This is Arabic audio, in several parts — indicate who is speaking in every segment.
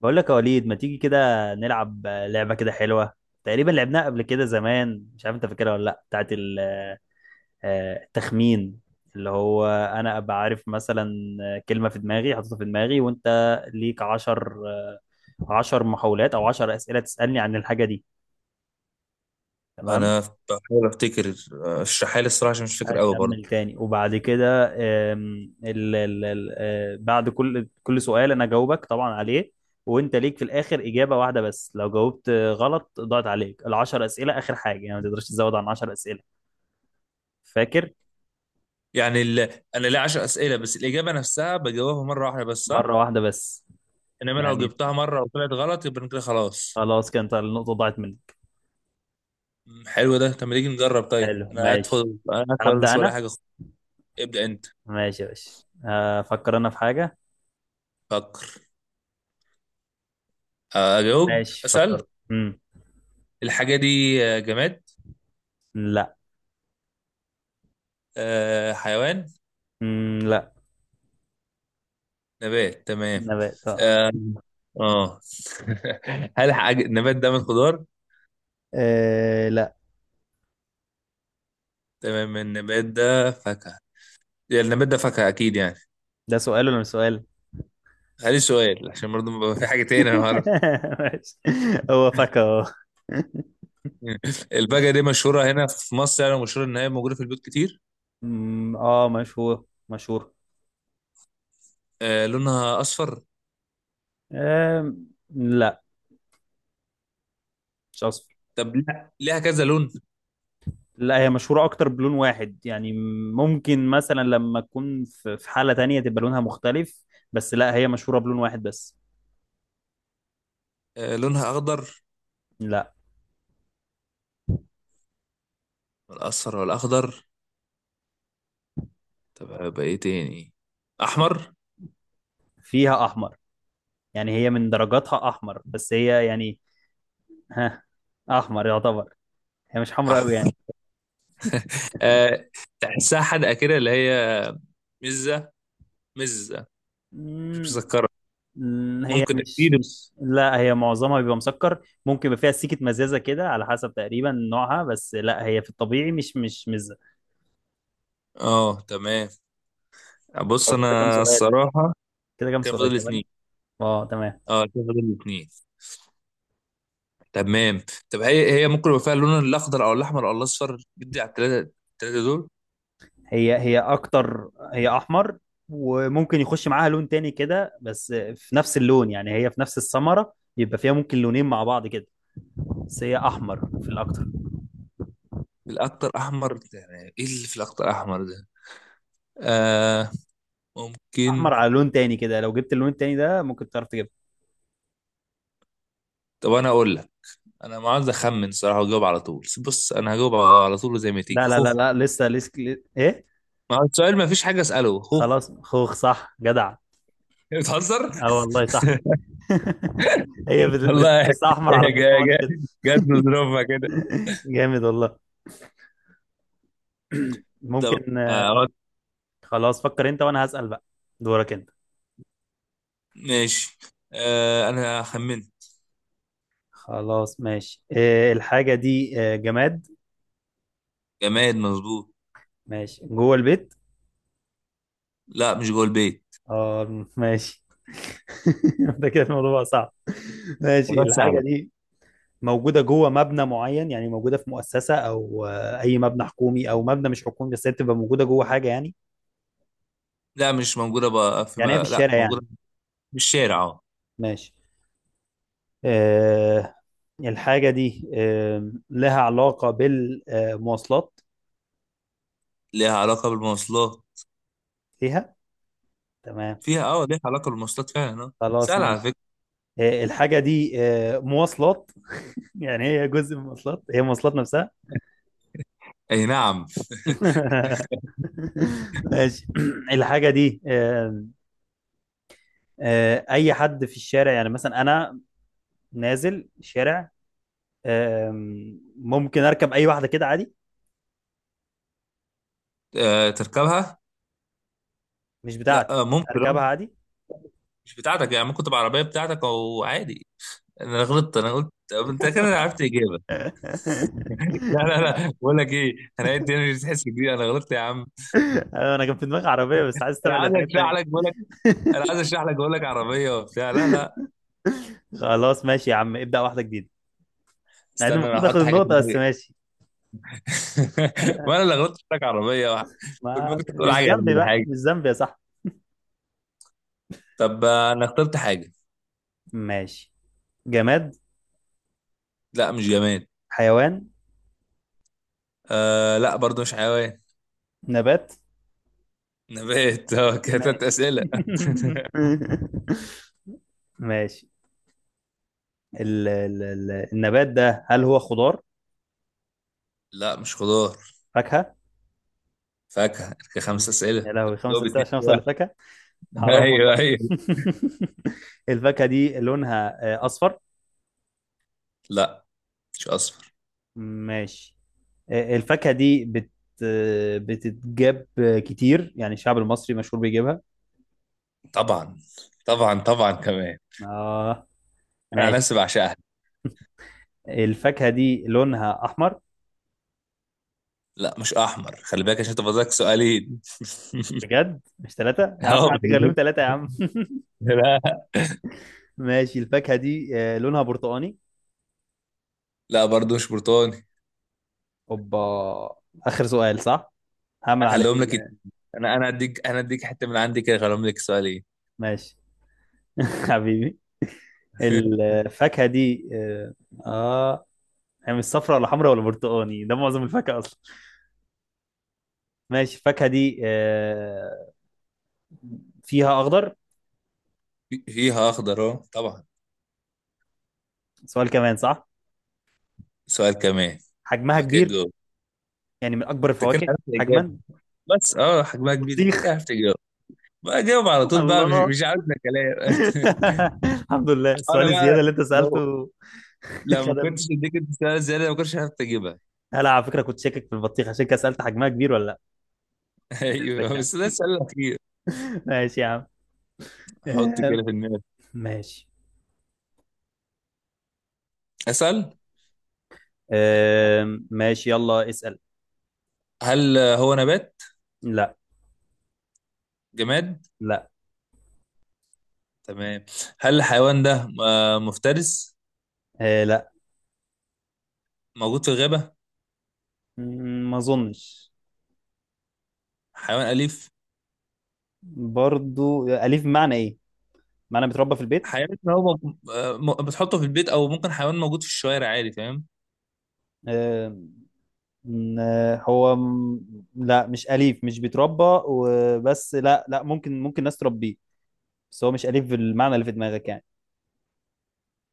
Speaker 1: بقول لك يا وليد، ما تيجي كده نلعب لعبة كده حلوة؟ تقريبا لعبناها قبل كده زمان. مش عارف انت فاكرها ولا لا، بتاعت التخمين، اللي هو انا ابقى عارف مثلا كلمة في دماغي حاططها في دماغي، وانت ليك عشر محاولات او عشر اسئلة تسألني عن الحاجة دي. تمام؟
Speaker 2: انا بحاول افتكر، اشرحها لي الصراحه عشان مش فاكر قوي برضه.
Speaker 1: هكمل تاني، وبعد كده آم، ال ال ال آه، بعد كل سؤال انا جاوبك طبعا عليه، وانت ليك في الاخر اجابه واحده بس. لو جاوبت غلط ضاعت عليك العشر اسئله. اخر حاجه يعني ما تقدرش تزود عن 10 اسئله. فاكر؟
Speaker 2: يعني انا ليا 10 اسئله بس، الاجابه نفسها بجاوبها مره واحده بس
Speaker 1: مره
Speaker 2: صح.
Speaker 1: واحده بس،
Speaker 2: انما لو
Speaker 1: يعني
Speaker 2: جبتها مره وطلعت غلط يبقى أنا كده خلاص.
Speaker 1: خلاص كانت النقطه ضاعت منك.
Speaker 2: حلو ده. طب ما تيجي نجرب طيب،
Speaker 1: حلو،
Speaker 2: انا قاعد
Speaker 1: ماشي.
Speaker 2: فاضي
Speaker 1: هبدا
Speaker 2: مش ورايا
Speaker 1: انا.
Speaker 2: حاجه خالص. ابدا انت.
Speaker 1: ماشي يا باشا، افكر انا في حاجه.
Speaker 2: فكر. اجاوب
Speaker 1: ماشي،
Speaker 2: اسال.
Speaker 1: فكرت.
Speaker 2: الحاجه دي جماد؟
Speaker 1: لا.
Speaker 2: حيوان؟
Speaker 1: لا.
Speaker 2: نبات. تمام.
Speaker 1: نبات، آه.
Speaker 2: اه. آه. هل حاجه النبات ده من خضار؟
Speaker 1: آه، لا،
Speaker 2: تمام، النبات ده فاكهه. يعني النبات ده فاكهه اكيد يعني.
Speaker 1: ده سؤال ولا مش سؤال؟
Speaker 2: عليه سؤال عشان برضه ما بقى في حاجة تاني أنا عارف.
Speaker 1: ماشي، هو فاكهة.
Speaker 2: الباجة دي مشهورة هنا في مصر، يعني مشهورة إن هي موجودة في البيوت كتير.
Speaker 1: اه، مشهور مشهور.
Speaker 2: آه لونها أصفر؟
Speaker 1: لا، مش اصفر.
Speaker 2: طب لا، ليها كذا لون؟
Speaker 1: لا، هي مشهورة اكتر بلون واحد يعني. ممكن مثلا لما تكون في حالة تانية تبقى لونها مختلف، بس لا هي مشهورة بلون واحد بس.
Speaker 2: آه لونها أخضر؟
Speaker 1: لا،
Speaker 2: الأصفر والأخضر. طب هيبقى إيه تاني؟ أحمر؟
Speaker 1: فيها احمر. يعني هي من درجاتها احمر، بس هي يعني، ها، احمر يعتبر. هي مش حمراء قوي
Speaker 2: أحمر.
Speaker 1: يعني.
Speaker 2: آه. تحسها حدقة كده اللي هي مزة. مزة. مش
Speaker 1: أمم،
Speaker 2: مسكرة؟
Speaker 1: مم، هي
Speaker 2: ممكن
Speaker 1: مش
Speaker 2: أكيد.
Speaker 1: مش لا، هي معظمها بيبقى مسكر. ممكن يبقى فيها سيكة مزازة كده على حسب تقريبا نوعها، بس لا هي في الطبيعي مش مزة.
Speaker 2: أه تمام. بص
Speaker 1: أو،
Speaker 2: أنا الصراحة،
Speaker 1: كده كام
Speaker 2: كان
Speaker 1: سؤال،
Speaker 2: فاضل
Speaker 1: تمام.
Speaker 2: اتنين.
Speaker 1: اه تمام.
Speaker 2: أه كان فاضل اتنين. تمام. طب هي ممكن يبقى فيها اللون الاخضر او الاحمر او الاصفر؟ بدي على الثلاثه الثلاثه دول.
Speaker 1: هي اكتر، هي احمر. وممكن يخش معاها لون تاني كده، بس في نفس اللون يعني. هي في نفس الثمرة يبقى فيها ممكن لونين مع بعض كده، بس هي احمر في الاكتر.
Speaker 2: الاكتر احمر؟ يعني ايه اللي في الاكتر احمر ده؟ آه
Speaker 1: احمر
Speaker 2: ممكن.
Speaker 1: على لون تاني كده. لو جبت اللون التاني ده ممكن تعرف تجيبها.
Speaker 2: طب انا اقول لك، انا ما عاوز اخمن صراحه واجاوب على طول. بص انا هجاوب على طول زي ما تيجي،
Speaker 1: لا، لا، لا،
Speaker 2: خوخ.
Speaker 1: لا، لسه لسه. ايه؟
Speaker 2: ما هو السؤال ما فيش حاجه اساله، خوخ.
Speaker 1: خلاص، خوخ صح، جدع!
Speaker 2: بتهزر
Speaker 1: اه والله صح. هي
Speaker 2: والله.
Speaker 1: بتحسها احمر على
Speaker 2: هي جا
Speaker 1: برتقاني
Speaker 2: جا
Speaker 1: كده.
Speaker 2: جت بظروفها كده.
Speaker 1: جامد والله.
Speaker 2: طب.
Speaker 1: ممكن.
Speaker 2: آه
Speaker 1: خلاص، فكر انت وانا هسأل بقى. دورك انت.
Speaker 2: ماشي. انا خمنت.
Speaker 1: خلاص ماشي. الحاجة دي جماد؟
Speaker 2: جماد مظبوط.
Speaker 1: ماشي. جوه البيت؟
Speaker 2: لا مش جوه البيت.
Speaker 1: اه ماشي. ده كده الموضوع بقى صعب. ماشي،
Speaker 2: حاجات
Speaker 1: الحاجة
Speaker 2: سهله.
Speaker 1: دي موجودة جوه مبنى معين؟ يعني موجودة في مؤسسة او اي مبنى حكومي او مبنى مش حكومي، بس هي بتبقى موجودة جوه حاجة يعني.
Speaker 2: لا مش موجودة بقى في
Speaker 1: يعني هي في
Speaker 2: ما... لا
Speaker 1: الشارع يعني؟
Speaker 2: موجودة في الشارع اه.
Speaker 1: ماشي. آه، الحاجة دي لها علاقة بالمواصلات؟
Speaker 2: ليها علاقة بالمواصلات؟
Speaker 1: ليها. تمام.
Speaker 2: فيها اه، ليها علاقة بالمواصلات فعلا، اه
Speaker 1: خلاص
Speaker 2: سهلة على
Speaker 1: ماشي.
Speaker 2: فكرة.
Speaker 1: الحاجة دي مواصلات؟ يعني هي جزء من المواصلات، هي مواصلات نفسها.
Speaker 2: اي نعم.
Speaker 1: ماشي. الحاجة دي آم، آه، أي حد في الشارع يعني، مثلا أنا نازل الشارع ممكن أركب أي واحدة كده عادي.
Speaker 2: آه تركبها؟
Speaker 1: مش
Speaker 2: لا،
Speaker 1: بتاعتي،
Speaker 2: آه ممكن اه.
Speaker 1: أركبها عادي.
Speaker 2: مش بتاعتك، يعني ممكن تبقى عربية بتاعتك او عادي. انا غلطت، انا قلت طب انت كده عرفت اجابة. لا لا لا، بقول لك ايه. انا قلت انا مش تحس كبير، انا غلطت يا عم.
Speaker 1: أيوة، أنا كان في دماغي عربية، بس عايز
Speaker 2: انا
Speaker 1: أستبعد
Speaker 2: عايز
Speaker 1: الحاجات
Speaker 2: اشرح
Speaker 1: التانية.
Speaker 2: لك بقول لك، عربية وبتاع لا لا.
Speaker 1: خلاص ماشي يا عم، ابدأ واحدة جديدة. مع ان
Speaker 2: استنى انا
Speaker 1: المفروض اخد
Speaker 2: هحط حاجة في
Speaker 1: النقطة، بس
Speaker 2: دماغي.
Speaker 1: ماشي.
Speaker 2: وانا اللي غلطت قلت لك عربية. كنت
Speaker 1: ما
Speaker 2: ممكن تقول
Speaker 1: مش
Speaker 2: حاجة يعني،
Speaker 1: ذنبي
Speaker 2: ولا
Speaker 1: بقى،
Speaker 2: حاجة.
Speaker 1: مش ذنبي يا صاحبي.
Speaker 2: طب انا اخترت حاجه.
Speaker 1: ماشي. جماد؟
Speaker 2: لا مش جماد.
Speaker 1: حيوان؟
Speaker 2: آه لا برضو مش حيوان.
Speaker 1: نبات؟
Speaker 2: نبات اه. كده تلات
Speaker 1: ماشي.
Speaker 2: اسئله.
Speaker 1: ماشي. ال ال ال النبات ده هل هو خضار؟
Speaker 2: لا مش خضار.
Speaker 1: فاكهة؟
Speaker 2: فاكهه كده خمس
Speaker 1: ماشي، يا
Speaker 2: اسئله.
Speaker 1: لهوي! خمس
Speaker 2: جاوب
Speaker 1: أسئلة
Speaker 2: اتنين
Speaker 1: عشان
Speaker 2: في
Speaker 1: أوصل
Speaker 2: واحد.
Speaker 1: لفاكهة! حرام والله.
Speaker 2: ايوه ايوه.
Speaker 1: الفاكهة دي لونها أصفر؟
Speaker 2: لا مش اصفر.
Speaker 1: ماشي. الفاكهة دي بتتجاب كتير؟ يعني الشعب المصري مشهور بيجيبها.
Speaker 2: طبعا طبعا طبعا كمان.
Speaker 1: اه
Speaker 2: انا عن
Speaker 1: ماشي.
Speaker 2: نفسي بعشقها.
Speaker 1: الفاكهة دي لونها أحمر؟
Speaker 2: لا مش احمر، خلي بالك عشان تفضلك سؤالين.
Speaker 1: بجد؟ مش ثلاثة يا عم،
Speaker 2: اه
Speaker 1: هتغلوهم
Speaker 2: بجد.
Speaker 1: ثلاثة يا عم!
Speaker 2: لا.
Speaker 1: ماشي، الفاكهة دي لونها برتقاني؟
Speaker 2: لا برضو مش برتقاني.
Speaker 1: اوبا! آخر سؤال صح؟ هعمل عليه
Speaker 2: هخليهم لك اتنين. انا اديك حته من عندي كده، هخليهم لك سؤالين.
Speaker 1: ماشي. حبيبي. الفاكهة دي آه، هي مش صفرا ولا حمرا ولا برتقاني، ده معظم الفاكهة أصلا. ماشي، الفاكهة دي فيها أخضر؟
Speaker 2: فيها اخضر اه طبعا.
Speaker 1: سؤال كمان، صح.
Speaker 2: سؤال كمان
Speaker 1: حجمها
Speaker 2: وبعد كده
Speaker 1: كبير؟
Speaker 2: تجاوب.
Speaker 1: يعني من اكبر
Speaker 2: انت كده
Speaker 1: الفواكه
Speaker 2: عرفت الاجابه
Speaker 1: حجما؟
Speaker 2: بس اه حجمها كبير، انت
Speaker 1: بطيخ!
Speaker 2: كده عرفت تجاوب. بقى جاوب على طول بقى، مش
Speaker 1: الله!
Speaker 2: مش عارف ده كلام.
Speaker 1: الحمد لله، السؤال
Speaker 2: انا بقى،
Speaker 1: الزياده اللي انت
Speaker 2: لو
Speaker 1: سالته
Speaker 2: لو ما
Speaker 1: خدمني.
Speaker 2: كنتش اديك انت سؤال زياده ما كنتش عارف تجيبها.
Speaker 1: هلا على فكره كنت شاكك في البطيخ، عشان كده سالت حجمها كبير ولا لا. عن اذنك
Speaker 2: ايوه
Speaker 1: يعني.
Speaker 2: بس ده السؤال الاخير.
Speaker 1: ماشي يا عم.
Speaker 2: حط
Speaker 1: آم،
Speaker 2: كده في دماغك.
Speaker 1: ماشي.
Speaker 2: اسال.
Speaker 1: ماشي، يلا اسال.
Speaker 2: هل هو نبات؟
Speaker 1: لا.
Speaker 2: جماد؟
Speaker 1: لا.
Speaker 2: تمام. هل الحيوان ده مفترس؟
Speaker 1: لا.
Speaker 2: موجود في الغابه؟
Speaker 1: ما اظنش.
Speaker 2: حيوان اليف؟
Speaker 1: برضو اليف بمعنى ايه؟ معنى بتربى في البيت.
Speaker 2: حيوان هو بتحطه في البيت او ممكن حيوان موجود في الشوارع عادي، فاهم؟
Speaker 1: آه، م- لا، مش أليف، مش بيتربى وبس. لا، لا، ممكن، ناس تربيه. بس هو مش أليف بالمعنى اللي في دماغك يعني.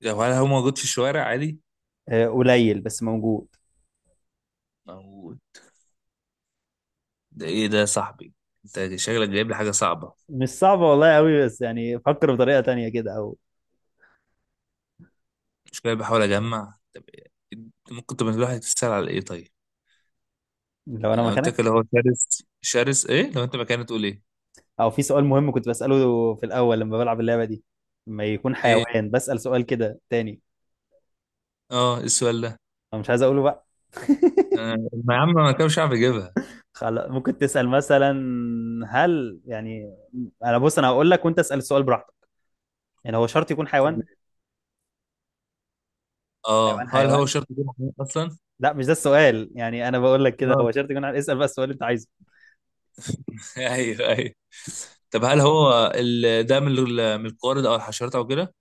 Speaker 2: هل هو موجود في الشوارع عادي؟
Speaker 1: قليل بس موجود.
Speaker 2: موجود. ده ايه ده يا صاحبي؟ انت شكلك جايب لي حاجه صعبه.
Speaker 1: مش صعبة والله قوي، بس يعني فكر بطريقة تانية كده، أو.
Speaker 2: مش كده، بحاول اجمع. طب إيه؟ ممكن تبقى الواحد تسال على ايه طيب؟
Speaker 1: لو أنا
Speaker 2: انا قلت
Speaker 1: مكانك،
Speaker 2: لك اللي هو شرس شرس، ايه لو انت مكاني تقول ايه؟
Speaker 1: أو في سؤال مهم كنت بسأله في الأول لما بلعب اللعبة دي، لما يكون
Speaker 2: ايه
Speaker 1: حيوان بسأل سؤال كده تاني.
Speaker 2: اه إيه السؤال ده؟
Speaker 1: أنا مش عايز أقوله بقى.
Speaker 2: أنا- ما يا عم ما كانش مش عارف اجيبها.
Speaker 1: خلاص، ممكن تسأل مثلا هل يعني. أنا، بص، أنا هقول لك وأنت اسأل السؤال براحتك. يعني هو شرط يكون
Speaker 2: طب
Speaker 1: حيوان؟ حيوان
Speaker 2: اه هل هو
Speaker 1: حيوان،
Speaker 2: شرط يكون محمود اصلا؟
Speaker 1: لا مش ده السؤال. يعني انا بقول لك كده،
Speaker 2: اه
Speaker 1: هو شرط يكون؟ عارف اسال بقى السؤال اللي انت عايزه.
Speaker 2: ايوه ايوه. طب هل هو ده من من القوارض او الحشرات او كده؟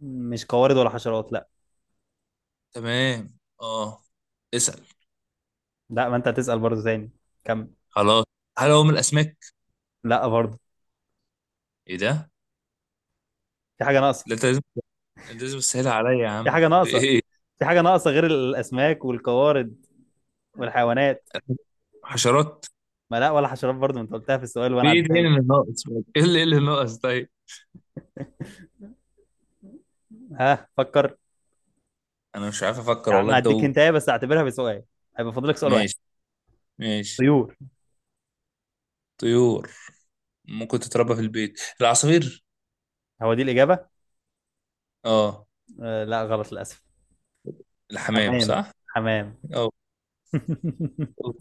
Speaker 1: مش قوارض ولا حشرات، لا.
Speaker 2: تمام اه. اسال.
Speaker 1: لا، ما انت هتسال برضه تاني. كمل.
Speaker 2: خلاص هل هو من الاسماك؟
Speaker 1: لا برضه.
Speaker 2: ايه ده؟
Speaker 1: في حاجه ناقصه.
Speaker 2: لا انت لازم تسهل عليا يا
Speaker 1: في
Speaker 2: عم،
Speaker 1: حاجه
Speaker 2: في
Speaker 1: ناقصه.
Speaker 2: ايه؟
Speaker 1: في حاجه ناقصه غير الاسماك والقوارض والحيوانات.
Speaker 2: حشرات؟
Speaker 1: ما لا، ولا حشرات برضه، ما انت قلتها في السؤال
Speaker 2: في
Speaker 1: وانا
Speaker 2: ايه
Speaker 1: عديتها
Speaker 2: تاني
Speaker 1: لك.
Speaker 2: اللي ناقص؟ ايه اللي إيه اللي ناقص طيب؟
Speaker 1: ها، فكر.
Speaker 2: انا مش عارف افكر
Speaker 1: يا عم
Speaker 2: والله، انت
Speaker 1: هديك
Speaker 2: قول.
Speaker 1: انت بس، اعتبرها بسؤال. هيبقى فاضلك سؤال واحد.
Speaker 2: ماشي ماشي.
Speaker 1: طيور.
Speaker 2: طيور. ممكن تتربى في البيت العصافير؟
Speaker 1: هو دي الاجابه؟
Speaker 2: اه
Speaker 1: آه لا، غلط للاسف.
Speaker 2: الحمام
Speaker 1: حمام،
Speaker 2: صح؟
Speaker 1: حمام.
Speaker 2: اه.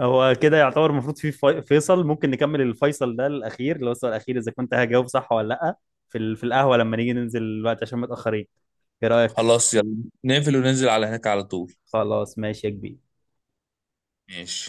Speaker 1: هو كده يعتبر المفروض في- فيصل. ممكن نكمل الفيصل ده الاخير اللي هو السؤال الاخير، اذا كنت هجاوب صح ولا لا، في القهوه، لما نيجي ننزل الوقت عشان متاخرين. ايه رايك؟
Speaker 2: خلاص يلا، نقفل وننزل على هناك على طول.
Speaker 1: خلاص، ماشي يا كبير.
Speaker 2: ماشي.